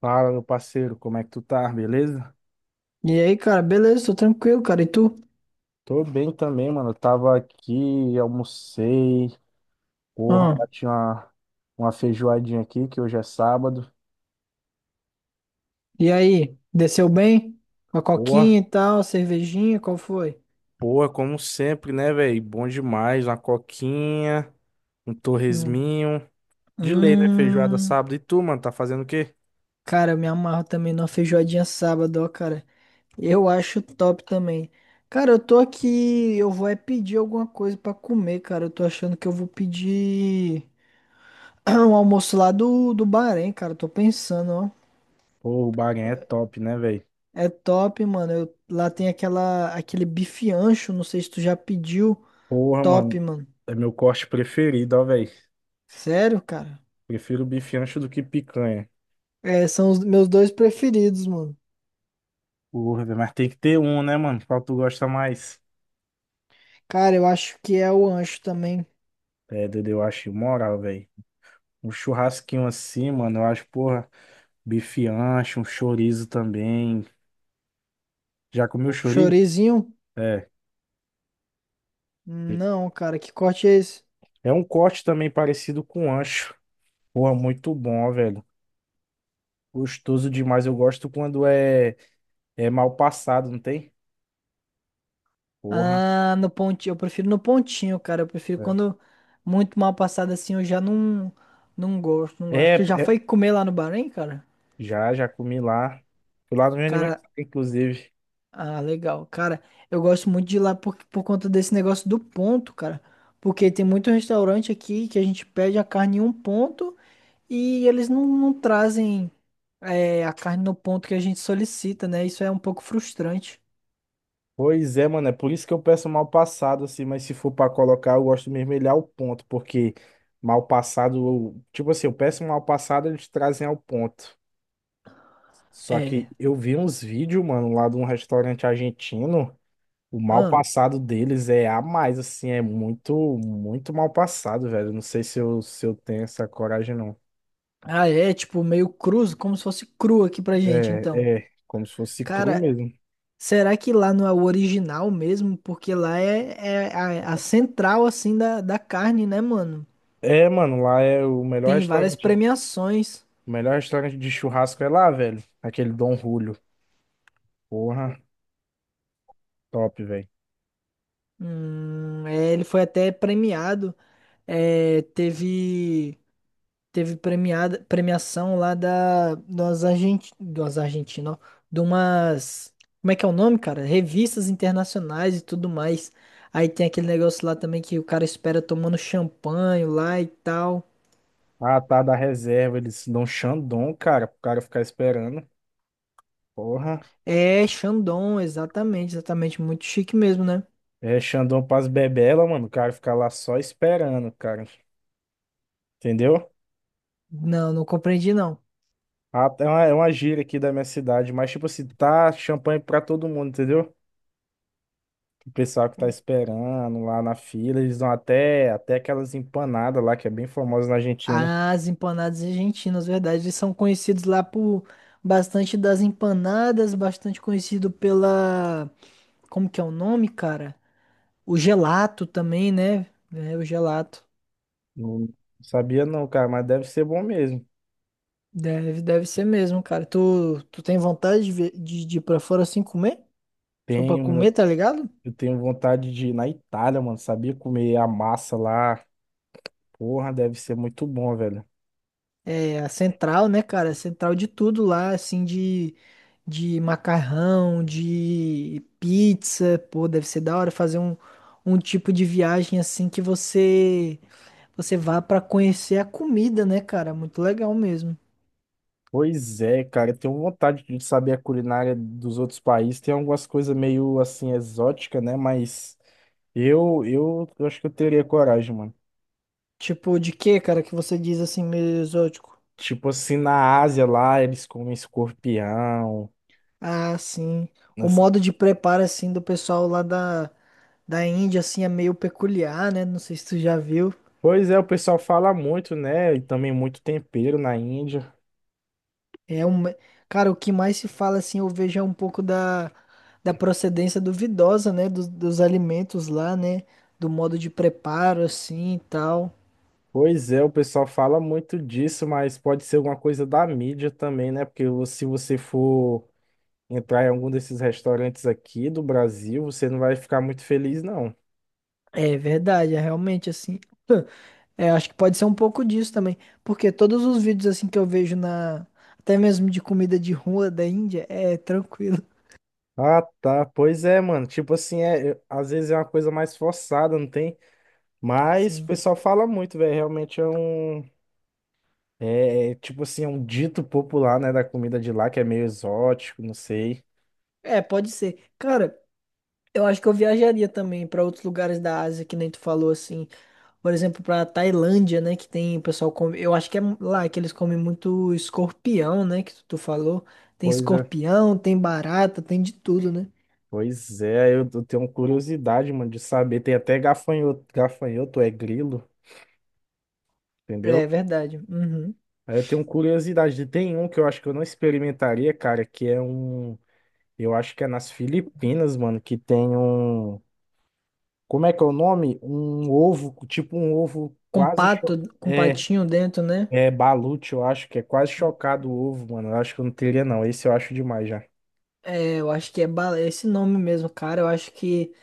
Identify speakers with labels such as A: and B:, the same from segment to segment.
A: Fala, meu parceiro, como é que tu tá? Beleza?
B: E aí, cara, beleza, tô tranquilo, cara. E tu?
A: Tô bem também, mano. Eu tava aqui, almocei. Porra,
B: Ah,
A: bati uma feijoadinha aqui, que hoje é sábado.
B: e aí, desceu bem? Com a
A: Porra,
B: coquinha e tal, cervejinha, qual foi?
A: porra, como sempre, né, velho? Bom demais. Uma coquinha, um
B: Hum,
A: torresminho. De lei, né? Feijoada
B: Hum,
A: sábado. E tu, mano, tá fazendo o quê?
B: cara, eu me amarro também numa feijoadinha sábado, ó, cara. Eu acho top também. Cara, eu tô aqui, eu vou é pedir alguma coisa pra comer, cara. Eu tô achando que eu vou pedir um almoço lá do Bahrein, cara. Eu tô pensando, ó.
A: Pô, o Bahrein é top, né, velho?
B: É top, mano. Lá tem aquele bife ancho, não sei se tu já pediu.
A: Porra, mano,
B: Top, mano.
A: é meu corte preferido, ó, velho.
B: Sério, cara?
A: Prefiro bife ancho do que picanha.
B: É, são os meus dois preferidos, mano.
A: Porra, velho, mas tem que ter um, né, mano? Qual tu gosta mais?
B: Cara, eu acho que é o ancho também.
A: É, Dudu, eu acho moral, velho. Um churrasquinho assim, mano, eu acho, porra, bife ancho, um chorizo também. Já comeu chorizo?
B: Chorizinho?
A: É.
B: Não, cara, que corte é esse?
A: É um corte também parecido com ancho. Porra, muito bom, velho. Gostoso demais. Eu gosto quando é mal passado, não tem? Porra.
B: Ah, no pontinho. Eu prefiro no pontinho, cara. Eu prefiro
A: É.
B: quando muito mal passado assim, eu já não, não gosto, não gosto.
A: É,
B: Tu já
A: é,
B: foi comer lá no Bahrein, cara?
A: já comi lá. Fui lá no meu
B: Cara,
A: aniversário, inclusive.
B: ah, legal. Cara, eu gosto muito de ir lá por conta desse negócio do ponto, cara. Porque tem muito restaurante aqui que a gente pede a carne em um ponto e eles não trazem. É, a carne no ponto que a gente solicita, né? Isso é um pouco frustrante.
A: Pois é, mano, é por isso que eu peço mal passado, assim, mas se for pra colocar, eu gosto de mermelhar o ponto, porque mal passado, tipo assim, eu peço mal passado, eles trazem ao ponto. Só que
B: É.
A: eu vi uns vídeos, mano, lá de um restaurante argentino, o mal
B: Ah,
A: passado deles é a mais, assim, é muito, muito mal passado, velho. Não sei se eu tenho essa coragem, não.
B: ah, é tipo meio cruz, como se fosse cru aqui pra gente,
A: É,
B: então.
A: como se fosse cru
B: Cara,
A: mesmo.
B: será que lá não é o original mesmo? Porque lá é a central, assim, da carne, né, mano?
A: É, mano, lá é
B: Tem várias premiações.
A: o melhor restaurante de churrasco é lá, velho, aquele Dom Julio. Porra, top, velho.
B: É, ele foi até premiado. É, teve. Teve premiação lá das Argentinas, ó, de umas, como é que é o nome, cara? Revistas internacionais e tudo mais. Aí tem aquele negócio lá também que o cara espera tomando champanhe lá e tal.
A: Ah, tá da reserva. Eles dão Xandão, cara, pro cara ficar esperando. Porra.
B: É, Chandon, exatamente, exatamente, muito chique mesmo, né?
A: É Xandão pras bebelas, mano. O cara ficar lá só esperando, cara. Entendeu?
B: Não, não compreendi não.
A: Ah, é uma gíria aqui da minha cidade, mas tipo assim, tá champanhe pra todo mundo, entendeu? O pessoal que tá esperando lá na fila, eles dão até aquelas empanadas lá, que é bem famosa na Argentina.
B: As empanadas argentinas, verdade, eles são conhecidos lá por bastante das empanadas, bastante conhecido pela, como que é o nome, cara? O gelato também, né? É, o gelato.
A: Não sabia não, cara, mas deve ser bom mesmo.
B: Deve, deve ser mesmo, cara. Tu tem vontade de, de ir pra fora assim comer? Só pra
A: Tenho,
B: comer,
A: mano,
B: tá ligado?
A: eu tenho vontade de ir na Itália, mano, sabia comer a massa lá. Porra, deve ser muito bom, velho.
B: É a central, né, cara? A central de tudo lá, assim, de macarrão, de pizza. Pô, deve ser da hora fazer um, um tipo de viagem assim que você, você vá pra conhecer a comida, né, cara? Muito legal mesmo.
A: Pois é, cara, eu tenho vontade de saber a culinária dos outros países. Tem algumas coisas meio assim exótica, né? Mas eu acho que eu teria coragem, mano.
B: Tipo, de que, cara, que você diz assim, meio exótico?
A: Tipo assim, na Ásia lá, eles comem escorpião.
B: Ah, sim. O
A: nessa-
B: modo de preparo, assim, do pessoal lá da Índia, assim, é meio peculiar, né? Não sei se tu já viu.
A: Pois é, o pessoal fala muito, né? E também muito tempero na Índia.
B: É um... Cara, o que mais se fala, assim, eu vejo é um pouco da procedência duvidosa, né? Dos alimentos lá, né? Do modo de preparo, assim, e tal.
A: Pois é, o pessoal fala muito disso, mas pode ser alguma coisa da mídia também, né? Porque se você for entrar em algum desses restaurantes aqui do Brasil, você não vai ficar muito feliz, não.
B: É verdade, é realmente, assim... É, acho que pode ser um pouco disso também. Porque todos os vídeos, assim, que eu vejo na... Até mesmo de comida de rua da Índia, é tranquilo,
A: Ah, tá. Pois é, mano. Tipo assim, às vezes é uma coisa mais forçada, não tem? Mas o
B: sim.
A: pessoal fala muito, velho. Realmente é um. Tipo assim, é um dito popular, né, da comida de lá, que é meio exótico, não sei.
B: É, pode ser. Cara... Eu acho que eu viajaria também para outros lugares da Ásia, que nem tu falou assim. Por exemplo, para Tailândia, né, que tem o pessoal come, eu acho que é lá que eles comem muito escorpião, né, tu falou. Tem
A: Pois é.
B: escorpião, tem barata, tem de tudo, né?
A: Pois é, eu tenho curiosidade, mano, de saber. Tem até gafanhoto, gafanhoto é grilo, entendeu?
B: É verdade. Uhum.
A: Aí eu tenho curiosidade. Tem um que eu acho que eu não experimentaria, cara, que é um. Eu acho que é nas Filipinas, mano, que tem um. Como é que é o nome? Um ovo, tipo um ovo
B: Com
A: quase.
B: pato, com
A: É,
B: patinho dentro, né?
A: é balute, eu acho que é quase chocado o ovo, mano. Eu acho que eu não teria, não. Esse eu acho demais já.
B: É, eu acho que é, é esse nome mesmo, cara.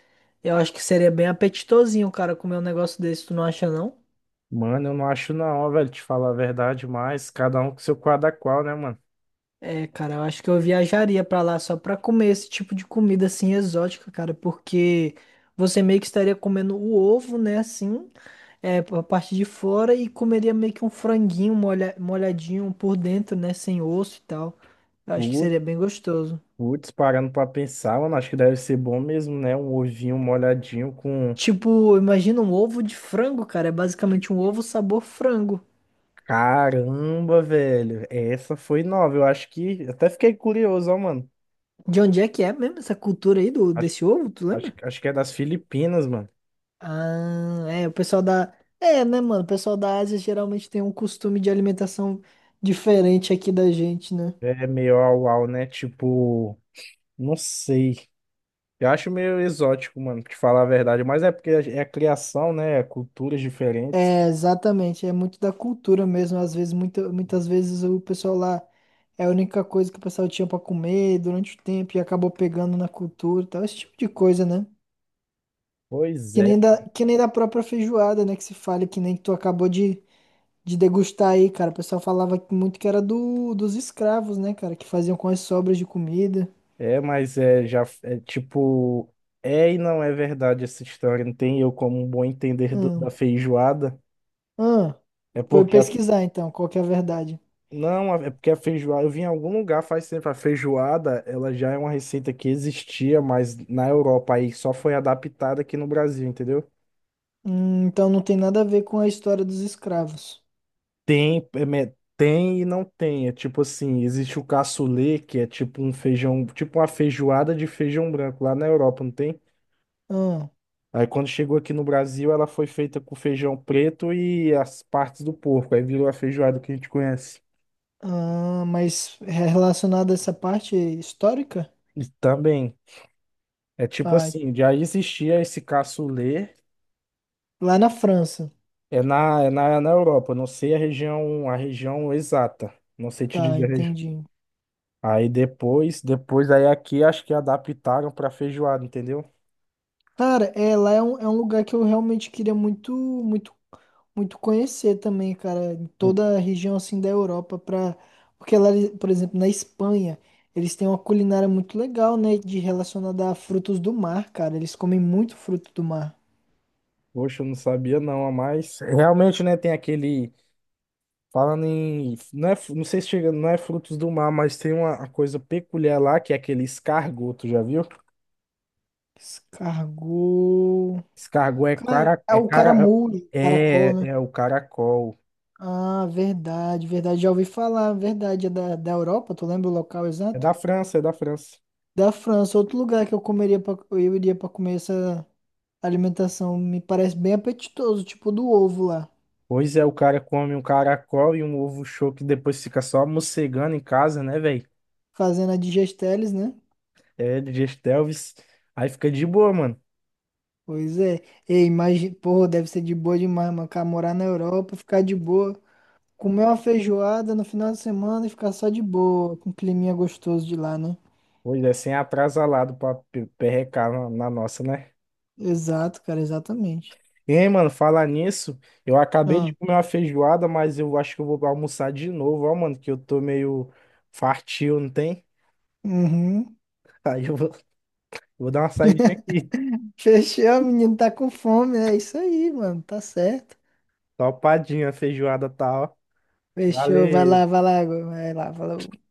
B: Eu acho que seria bem apetitosinho, cara, comer um negócio desse, tu não acha não?
A: Mano, eu não acho, não, velho, te falar a verdade, mas cada um com seu quadra qual, né, mano?
B: É, cara, eu acho que eu viajaria pra lá só pra comer esse tipo de comida assim exótica, cara, porque você meio que estaria comendo o ovo, né, assim, é, a parte de fora e comeria meio que um franguinho molhadinho por dentro, né, sem osso e tal. Eu acho que
A: Putz,
B: seria bem gostoso.
A: putz, parando pra pensar, mano, acho que deve ser bom mesmo, né? Um ovinho molhadinho com.
B: Tipo, imagina um ovo de frango, cara, é basicamente um ovo sabor frango.
A: Caramba, velho, essa foi nova. Eu acho que. Até fiquei curioso, ó, mano.
B: De onde é que é mesmo essa cultura aí do desse ovo, tu lembra?
A: Acho que é das Filipinas, mano.
B: Ah, é, o pessoal da. É, né, mano? O pessoal da Ásia geralmente tem um costume de alimentação diferente aqui da gente, né?
A: É meio au-au, né? Tipo, não sei. Eu acho meio exótico, mano, pra te falar a verdade. Mas é porque é a criação, né? É Culturas diferentes.
B: É, exatamente. É muito da cultura mesmo. Às vezes, muitas vezes o pessoal lá é a única coisa que o pessoal tinha pra comer durante o tempo e acabou pegando na cultura e tal, esse tipo de coisa, né?
A: Pois é.
B: Que nem da própria feijoada, né? Que se fala, que nem que tu acabou de degustar aí, cara. O pessoal falava que muito que era dos escravos, né, cara? Que faziam com as sobras de comida.
A: É, mas é já é tipo. É e não é verdade essa história. Não tem eu como um bom entender da
B: Hum.
A: feijoada.
B: Ah,
A: É
B: foi
A: porque a.
B: pesquisar então, qual que é a verdade.
A: Não, é porque a feijoada. Eu vi em algum lugar faz tempo. A feijoada, ela já é uma receita que existia, mas na Europa aí só foi adaptada aqui no Brasil, entendeu?
B: Então não tem nada a ver com a história dos escravos.
A: Tem, é tem e não tem. É tipo assim, existe o cassoulet, que é tipo um feijão, tipo uma feijoada de feijão branco lá na Europa, não tem?
B: Ah,
A: Aí quando chegou aqui no Brasil, ela foi feita com feijão preto e as partes do porco. Aí virou a feijoada que a gente conhece.
B: ah, mas é relacionado a essa parte histórica?
A: E também, é tipo
B: Ah,
A: assim, já existia esse cassoulet,
B: lá na França.
A: na Europa, não sei a região exata. Não sei te
B: Tá,
A: dizer a região.
B: entendi.
A: Aí depois aí aqui acho que adaptaram para feijoada, entendeu?
B: Cara, é, lá é um lugar que eu realmente queria muito, muito, muito conhecer também, cara. Em toda a região, assim, da Europa. Pra... Porque lá, por exemplo, na Espanha, eles têm uma culinária muito legal, né? De relacionada a frutos do mar, cara. Eles comem muito fruto do mar.
A: Poxa, eu não sabia não, ah, mas realmente, né, tem aquele, falando em, não é, não sei se chega, não é frutos do mar, mas tem uma coisa peculiar lá, que é aquele escargot, tu já viu?
B: Descargou.
A: Escargot é
B: Cara,
A: cara,
B: é
A: é
B: o
A: cara,
B: caramujo, caracol, né?
A: é o caracol,
B: Ah, verdade, verdade. Já ouvi falar, verdade. É da Europa, tu lembra o local exato?
A: é da França.
B: Da França, outro lugar que eu comeria eu iria pra comer essa alimentação. Me parece bem apetitoso, tipo do ovo lá.
A: Pois é, o cara come um caracol e um ovo choque, depois fica só mocegando em casa, né, velho?
B: Fazendo a digesteles, né?
A: É, de Gestelvis, aí fica de boa, mano.
B: Pois é. Ei, imagina, porra, deve ser de boa demais, mano. Cara, morar na Europa, ficar de boa. Comer uma feijoada no final de semana e ficar só de boa, com um climinha gostoso de lá, né?
A: Pois é, sem atrasalado pra perrecar na nossa, né?
B: Exato, cara, exatamente.
A: Ei, mano, falar nisso, eu acabei de
B: Ah,
A: comer uma feijoada, mas eu acho que eu vou almoçar de novo, ó, mano, que eu tô meio fartio, não tem?
B: uhum.
A: Aí eu vou, vou dar uma saidinha aqui.
B: Fechou, menino, tá com fome, é isso aí, mano, tá certo.
A: Topadinha, a feijoada tá, ó.
B: Fechou, vai lá,
A: Valeu.
B: vai lá, vai lá, falou